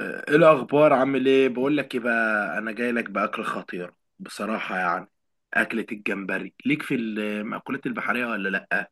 ايه الاخبار؟ عامل ايه؟ بقول لك ايه بقى، انا جاي لك باكل خطير بصراحه، يعني اكله الجمبري ليك في المأكولات البحريه ولا لا؟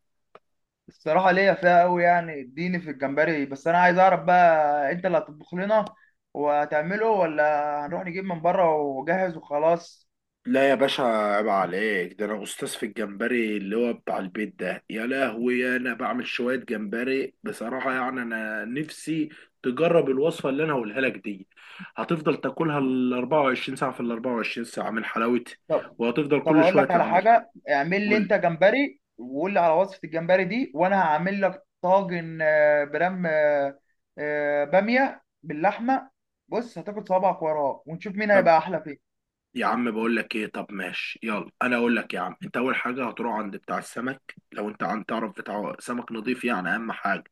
الصراحة ليا فيها قوي، يعني اديني في الجمبري. بس انا عايز اعرف بقى، انت اللي هتطبخ لنا وهتعمله، ولا هنروح نجيب من بره وجاهز وخلاص؟ لا يا باشا، عيب عليك. ده انا استاذ في الجمبري، اللي هو بتاع البيت ده، يا لهوي. انا بعمل شويه جمبري بصراحه يعني، انا نفسي تجرب الوصفه اللي انا هقولها لك دي. هتفضل تاكلها ال 24 ساعه في ال 24 ساعه من حلاوتها، طب وهتفضل طب كل اقول شويه لك على تعملها. حاجة. اعمل لي قول لي. انت جمبري، وقول لي على وصفة الجمبري دي، وانا هعمل لك طاجن برام بامية باللحمة. بص، هتاكل صوابعك وراه، ونشوف مين طب، هيبقى احلى فيه. يا عم بقول لك ايه، طب ماشي، يلا انا اقول لك. يا عم انت اول حاجه هتروح عند بتاع السمك، لو انت عن تعرف بتاع سمك نظيف، يعني اهم حاجه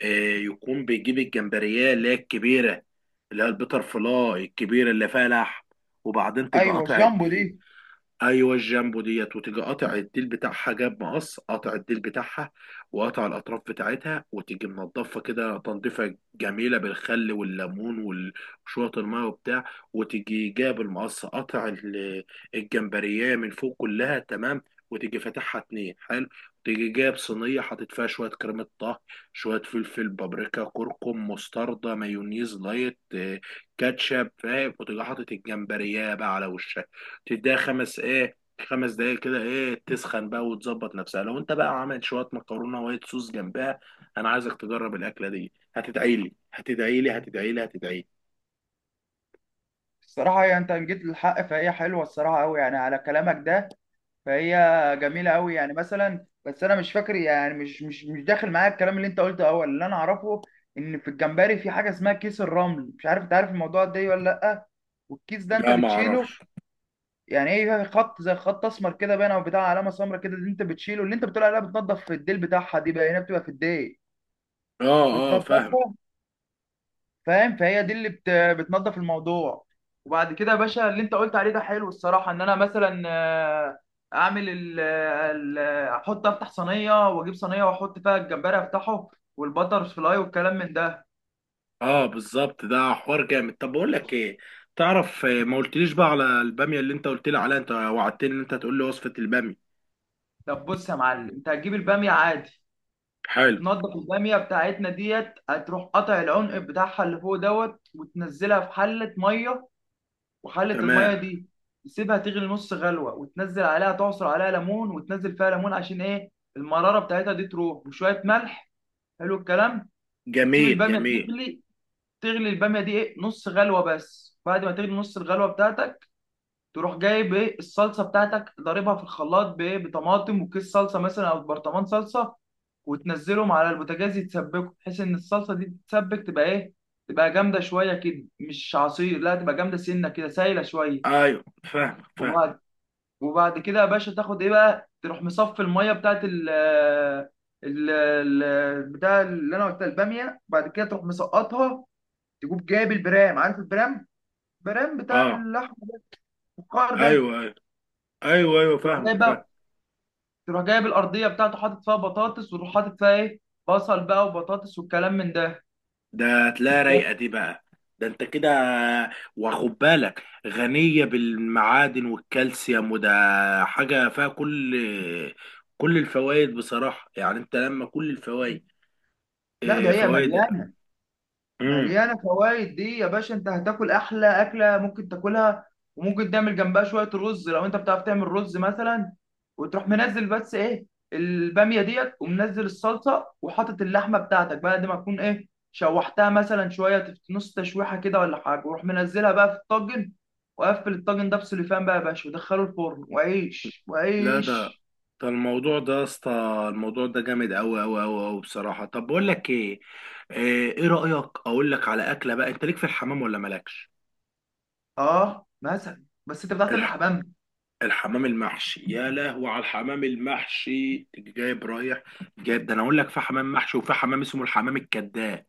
إيه، يكون بيجيب الجمبريه اللي هي الكبيره، اللي هي البيتر فلاي الكبيره اللي فيها لحم، وبعدين تيجي ايوه، قاطع الجامبو الدقيق. دي. ايوه الجامبو ديت، وتيجي قاطع الديل بتاعها، جاب مقص قاطع الديل بتاعها وقاطع الاطراف بتاعتها، وتيجي منضفه كده تنظيفه جميله بالخل والليمون وشويه الميه وبتاع، وتيجي جاب المقص قاطع الجمبريه من فوق كلها، تمام. وتيجي فاتحها اتنين، حلو. تيجي جاب صينيه حاطط فيها شويه كريمه طهي، شويه فلفل، بابريكا، كركم، مستردة، مايونيز لايت، كاتشب، فاهم، وتيجي حاطط الجمبريه بقى على وشها، تديها خمس دقايق كده، تسخن بقى وتظبط نفسها. لو انت بقى عملت شويه مكرونه وايت صوص جنبها، انا عايزك تجرب الاكله دي. هتدعي لي، هتدعي لي، هتدعي لي، هتدعي لي. الصراحة هي، انت جيت للحق، فهي حلوة الصراحة قوي يعني، على كلامك ده. فهي جميله قوي يعني، مثلا. بس انا مش فاكر يعني، مش داخل معايا الكلام اللي انت قلته اول. اللي انا اعرفه ان في الجمبري في حاجه اسمها كيس الرمل. مش عارف انت عارف الموضوع ده إيه ولا لا. والكيس ده انت لا ما بتشيله؟ اعرفش. يعني ايه، خط زي خط اسمر كده باين او بتاع علامه سمراء كده، اللي انت بتشيله، اللي انت بتقول عليها بتنضف في الديل بتاعها دي بقى، هنا بتبقى في الديل اه، اه، فاهم. بتنضفها. فاهم. فهي دي اللي بتنظف الموضوع. وبعد كده يا باشا، اللي انت قلت عليه ده حلو الصراحه. ان انا مثلا اعمل احط، افتح صينيه، واجيب صينيه واحط فيها الجمبري افتحه، والبتر فلاي والكلام من ده. اه، بالظبط، ده حوار جامد. طب بقول لك ايه، تعرف، ما قلتليش بقى على الباميه اللي انت قلت لي عليها، انت وعدتني ان انت تقول لي وصفه الباميه. طب بص يا معلم، انت هتجيب الباميه عادي حلو. وتنضف الباميه بتاعتنا ديت. هتروح قطع العنق بتاعها اللي فوق دوت، وتنزلها في حله ميه. وحله الميه تمام. دي تسيبها تغلي نص غلوه، وتنزل عليها، تعصر عليها ليمون وتنزل فيها ليمون، عشان ايه؟ المراره بتاعتها دي تروح، وشويه ملح. حلو الكلام. وتسيب جميل، الباميه جميل. تغلي. تغلي الباميه دي ايه، نص غلوه بس. بعد ما تغلي نص الغلوه بتاعتك، تروح جايب ايه، الصلصه بتاعتك ضاربها في الخلاط بايه، بطماطم وكيس صلصه مثلا او برطمان صلصه. وتنزلهم على البوتاجاز يتسبكوا، بحيث ان الصلصه دي تتسبك تبقى ايه، تبقى جامده شويه كده، مش عصير. لا، تبقى جامده سنه كده، سايله شويه. ايوه، فاهمك، فاهم. وبعد وبعد كده يا باشا، تاخد ايه بقى، تروح مصفي الميه بتاعت بتاع اللي انا قلتها، الباميه. بعد كده تروح مسقطها. تجيب، جايب البرام، عارف البرام؟ البرام بتاع اه، اللحم ده، الفخار ده. ايوه، ايوه، ايوه، ايوه، تروح جايب فاهمك، فاهم. بقى، تروح جايب الارضيه بتاعته، حاطط فيها بطاطس، وتروح حاطط فيها ايه، بصل بقى وبطاطس والكلام من ده. ده هتلاقيها وشوية- رايقه دي بقى. ده انت كده واخد بالك، غنيه بالمعادن والكالسيوم وده، حاجه فيها كل الفوائد بصراحه يعني، انت لما كل الفوائد، لا، ده اه، هي فوائد مليانه. امم. مليانه فوائد دي يا باشا. انت هتاكل احلى اكله ممكن تاكلها. وممكن تعمل جنبها شويه رز لو انت بتعرف تعمل رز مثلا. وتروح منزل بس ايه، الباميه ديت، ومنزل الصلصه، وحاطط اللحمه بتاعتك بعد ما تكون ايه شوحتها مثلا شويه، نص تشويحه كده ولا حاجه. وروح منزلها بقى في الطاجن، وقفل الطاجن ده بسوليفان بقى يا باشا، ودخله الفرن، وعيش لا، ده وعيش. ده الموضوع ده يا اسطى، الموضوع ده جامد قوي قوي قوي قوي بصراحه. طب بقول لك ايه، اه، ايه رايك اقول لك على اكله بقى، انت ليك في الحمام ولا مالكش؟ اه مثلا، بس انت بتعرف تعمل حمام؟ الحمام المحشي، يا لهو على الحمام المحشي. تيجي جايب، رايح جايب، ده انا اقول لك، في حمام محشي وفي حمام اسمه الحمام الكذاب.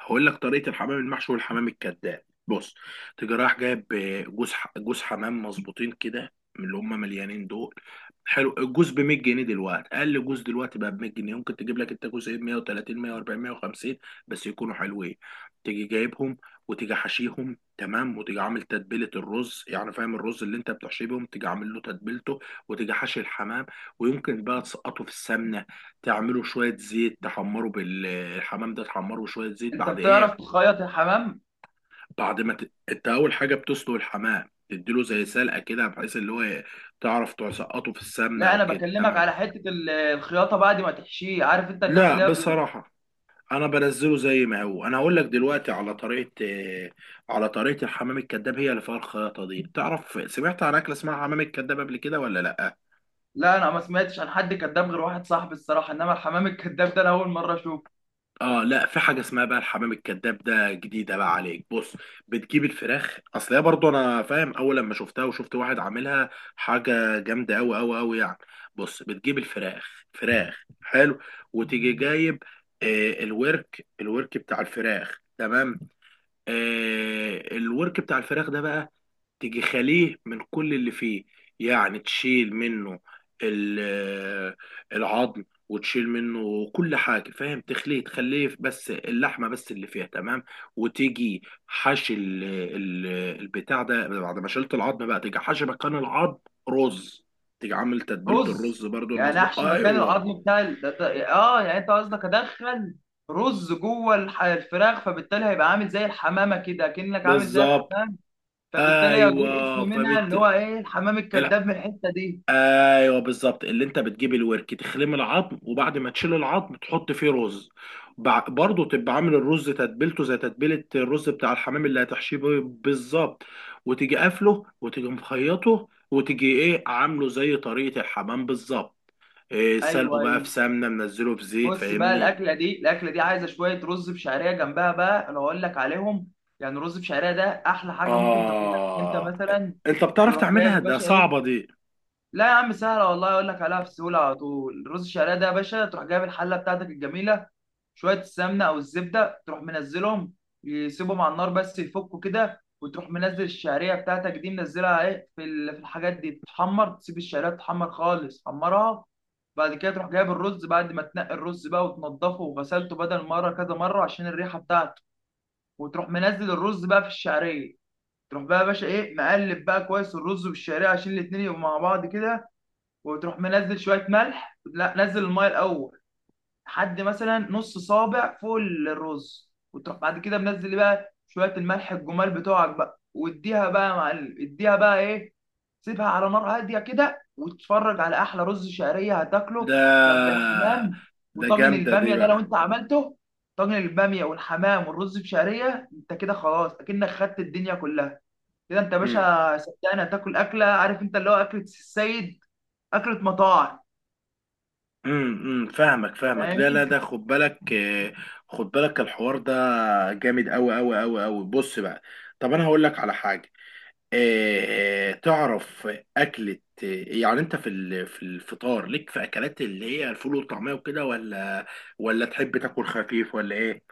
هقول لك طريقه الحمام المحشي والحمام الكذاب. بص، تيجي رايح جايب جوز حمام مظبوطين كده، من اللي هم مليانين دول. حلو، الجوز ب 100 جنيه دلوقتي، اقل جوز دلوقتي بقى ب 100 جنيه، ممكن تجيب لك انت جوزين، 130، 140، 150، بس يكونوا حلوين. تيجي جايبهم، وتيجي حشيهم، تمام. وتيجي عامل تتبيله الرز يعني، فاهم، الرز اللي انت بتحشيه بيهم، تيجي عامل له تتبيلته، وتيجي حاشي الحمام. ويمكن بقى تسقطه في السمنه، تعمله شويه زيت تحمره، بالحمام ده تحمره بشويه زيت، انت بعد بتعرف ايه، تخيط الحمام؟ بعد ما ت... انت اول حاجه بتسلق الحمام، تديله زي سلقه كده، بحيث اللي هو ايه، تعرف تسقطه في السمنه لا، او انا كده، بكلمك تمام. على حته الخياطه بعد ما تحشيه. عارف انت الناس لا اللي هي. بصراحه، انا بنزله زي ما هو. انا هقول لك دلوقتي على طريقه، على طريقه الحمام الكذاب، هي اللي فيها الخياطه دي. تعرف سمعت عن اكله اسمها حمام الكذاب قبل كده ولا لا؟ لا، انا ما سمعتش عن حد كذاب غير واحد صاحبي الصراحه، انما الحمام الكذاب ده انا اول مره اشوفه. اه لا، في حاجه اسمها بقى الحمام الكذاب، ده جديده بقى عليك. بص، بتجيب الفراخ، اصل هي برضو انا فاهم اول لما شفتها وشفت واحد عاملها، حاجه جامده قوي قوي قوي يعني. بص، بتجيب الفراخ، فراخ حلو، وتيجي جايب الورك بتاع الفراخ، تمام. الورك بتاع الفراخ ده بقى، تيجي خاليه من كل اللي فيه، يعني تشيل منه ال- العظم، وتشيل منه كل حاجة، فاهم، تخليه بس اللحمة بس اللي فيها، تمام. وتيجي حشي البتاع ده، بعد ما شلت العظم بقى تيجي حشي مكان العظم رز، تيجي عامل تتبيلة رز، الرز برضو يعني المظبوط. احشي مكان ايوه، العظم بتاع ال... ده... ده- اه يعني انت قصدك ادخل رز جوه الفراخ، فبالتالي هيبقى عامل زي الحمامه كده، كأنك عامل زي بالظبط. الحمام. فبالتالي هجيب ايوه اسم منها اللي هو ايه، الحمام الكذاب، من الحته دي. ايوه بالظبط، اللي انت بتجيب الورك تخلم العظم، وبعد ما تشيل العظم تحط فيه رز، برضه تبقى عامل الرز تتبيلته زي تتبيله الرز بتاع الحمام اللي هتحشيه بيه بالظبط، وتيجي قافله، وتيجي مخيطه، وتيجي ايه عامله زي طريقه الحمام بالظبط، إيه، سلقه ايوه، بقى ايوه. في سمنه، منزله في زيت، بص بقى، فاهمني. الاكله دي عايزه شويه رز بشعريه جنبها بقى. انا اقول لك عليهم. يعني رز بشعريه ده احلى حاجه ممكن تاكلها انت اه. مثلا. انت بتعرف تروح جايب تعملها؟ يا ده باشا صعبه ايه، دي. لا يا عم سهله والله، اقول لك عليها في سهوله على طول. الرز الشعريه ده يا باشا، تروح جايب الحله بتاعتك الجميله، شويه السمنه او الزبده، تروح منزلهم. يسيبهم على النار بس يفكوا كده، وتروح منزل الشعريه بتاعتك دي، منزلها ايه في الحاجات دي تتحمر، تسيب الشعريه تتحمر خالص، حمرها. بعد كده تروح جايب الرز بعد ما تنقي الرز بقى وتنضفه وغسلته بدل مره كذا مره عشان الريحه بتاعته. وتروح منزل الرز بقى في الشعريه. تروح بقى يا باشا ايه، مقلب بقى كويس الرز والشعريه عشان الاتنين يبقوا مع بعض كده. وتروح منزل شويه ملح، لا نزل الميه الاول لحد مثلا نص صابع فوق الرز. وتروح بعد كده منزل بقى شويه الملح الجمال بتوعك بقى، واديها بقى يا معلم، اديها بقى ايه، سيبها على نار هاديه كده وتتفرج على احلى رز شعريه ده هتاكله جنب الحمام. ده وطاجن جامده دي الباميه ده بقى. لو انت عملته. طاجن الباميه والحمام والرز بشعريه، انت كده خلاص، اكنك خدت الدنيا كلها. كده انت يا باشا صدقني، هتاكل اكله. عارف انت اللي هو اكله السيد، اكله مطاعم. امم، فاهمك، فاهمك. لا، لا، فاهمني؟ ده خد بالك، خد بالك الحوار ده، جامد قوي قوي قوي قوي. بص بقى، طب انا هقول لك على حاجه، تعرف اكله، يعني انت في في الفطار ليك في اكلات اللي هي الفول والطعميه وكده، ولا ولا تحب تاكل خفيف ولا ايه،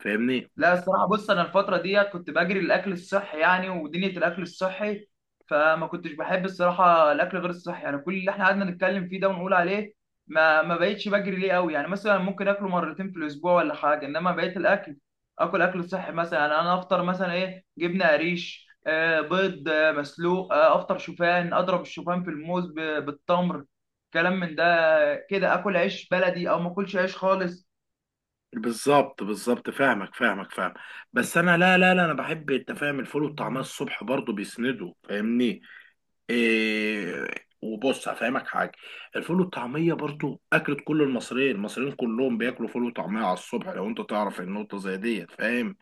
فاهمني؟ لا الصراحه بص، انا الفتره دي كنت بجري الاكل الصحي يعني، ودنيا الاكل الصحي. فما كنتش بحب الصراحه الاكل غير الصحي يعني، كل اللي احنا قعدنا نتكلم فيه ده ونقول عليه، ما بقتش بجري ليه قوي يعني. مثلا ممكن اكله مرتين في الاسبوع ولا حاجه. انما بقيت الاكل، اكل صحي مثلا. يعني انا افطر مثلا ايه، جبنه قريش، بيض مسلوق، افطر شوفان، اضرب الشوفان في الموز بالتمر، كلام من ده. كده اكل عيش بلدي او ما اكلش عيش خالص. بالظبط، بالظبط، فاهمك، فاهمك، فاهم. بس انا، لا لا لا، انا بحب، انت فاهم، الفول والطعميه الصبح برضه بيسندوا، فاهمني. إيه، وبص هفهمك حاجه. الفول والطعميه برضو اكلة كل المصريين، المصريين كلهم بياكلوا فول وطعميه على الصبح، لو انت تعرف النقطه زي ديت، فاهم.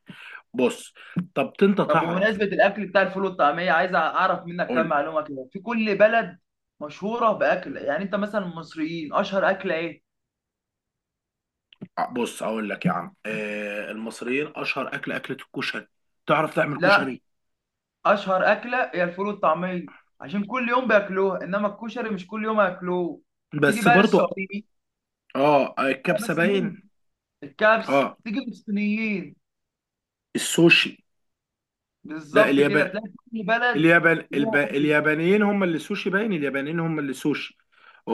بص، طب انت طب تعرف، بمناسبة الأكل بتاع الفول والطعمية، عايز أعرف منك كام قول. معلومة كده. في كل بلد مشهورة بأكل، يعني أنت مثلا المصريين أشهر أكلة إيه؟ بص اقول لك يا عم إيه، المصريين اشهر اكل اكله الكشري. تعرف تعمل لا، كشري؟ أشهر أكلة هي الفول والطعمية، عشان كل يوم بياكلوها، إنما الكشري مش كل يوم هياكلوه. تيجي بس بقى برضو. للسعوديين، اه، الكبسه بس مني باين. الكبس. اه، تيجي للصينيين، السوشي. لا، بالظبط كده اليابان، تلاقي كل بلد اليابان ليها أكل. اليابانيين هم اللي سوشي باين، اليابانيين هم اللي سوشي.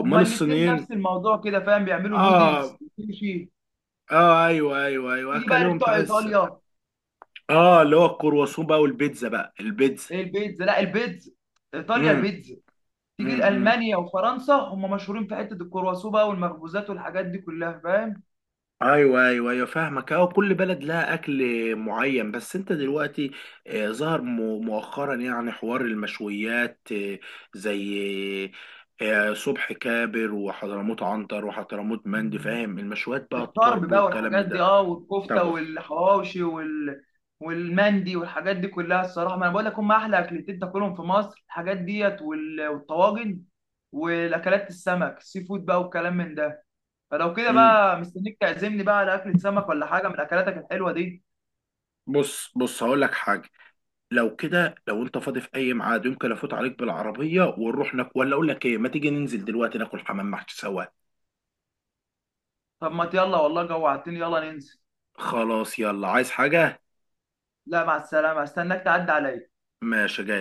هما الاتنين الصينيين؟ نفس الموضوع كده، فاهم، بيعملوا نودلز اه، وكل شيء. اه، ايوه، ايوه، ايوه، تيجي بقى اكلهم لبتوع تحس. إيطاليا، اه، اللي هو الكرواسون بقى والبيتزا، بقى البيتزا. البيتزا. لا، البيتزا ايطاليا، امم، البيتزا. تيجي امم، لالمانيا وفرنسا، هم مشهورين في حته الكرواسون بقى والمخبوزات والحاجات دي كلها، فاهم. ايوه، ايوه، ايوه، فاهمك. اه، كل بلد لها اكل معين، بس انت دلوقتي ظهر مؤخرا يعني حوار المشويات، زي صبح كابر وحضرموت، عنتر وحضرموت، مندي، فاهم، المشويات بقى، الطرب الطرب بقى والكلام والحاجات دي، ده. والكفته طب بص. والحواوشي والمندي والحاجات دي كلها الصراحه. ما انا بقول لك، هم احلى اكلتين تاكلهم في مصر، الحاجات ديت والطواجن والاكلات، السمك السي فود بقى والكلام من ده. فلو كده امم بقى، مستنيك تعزمني بقى على اكله سمك ولا حاجه من اكلاتك الحلوه دي. بص، بص، هقول لك حاجه. لو كده، لو انت فاضي في اي ميعاد، يمكن افوت عليك بالعربيه ونروح ناكل، ولا اقول لك ايه، ما تيجي ننزل دلوقتي ناكل حمام محشي سوا. طب ما يلا والله، جوعتني، يلا ننزل. خلاص، يلا، عايز حاجه؟ لا، مع السلامه، استناك تعدي عليا. ماشي، جاي.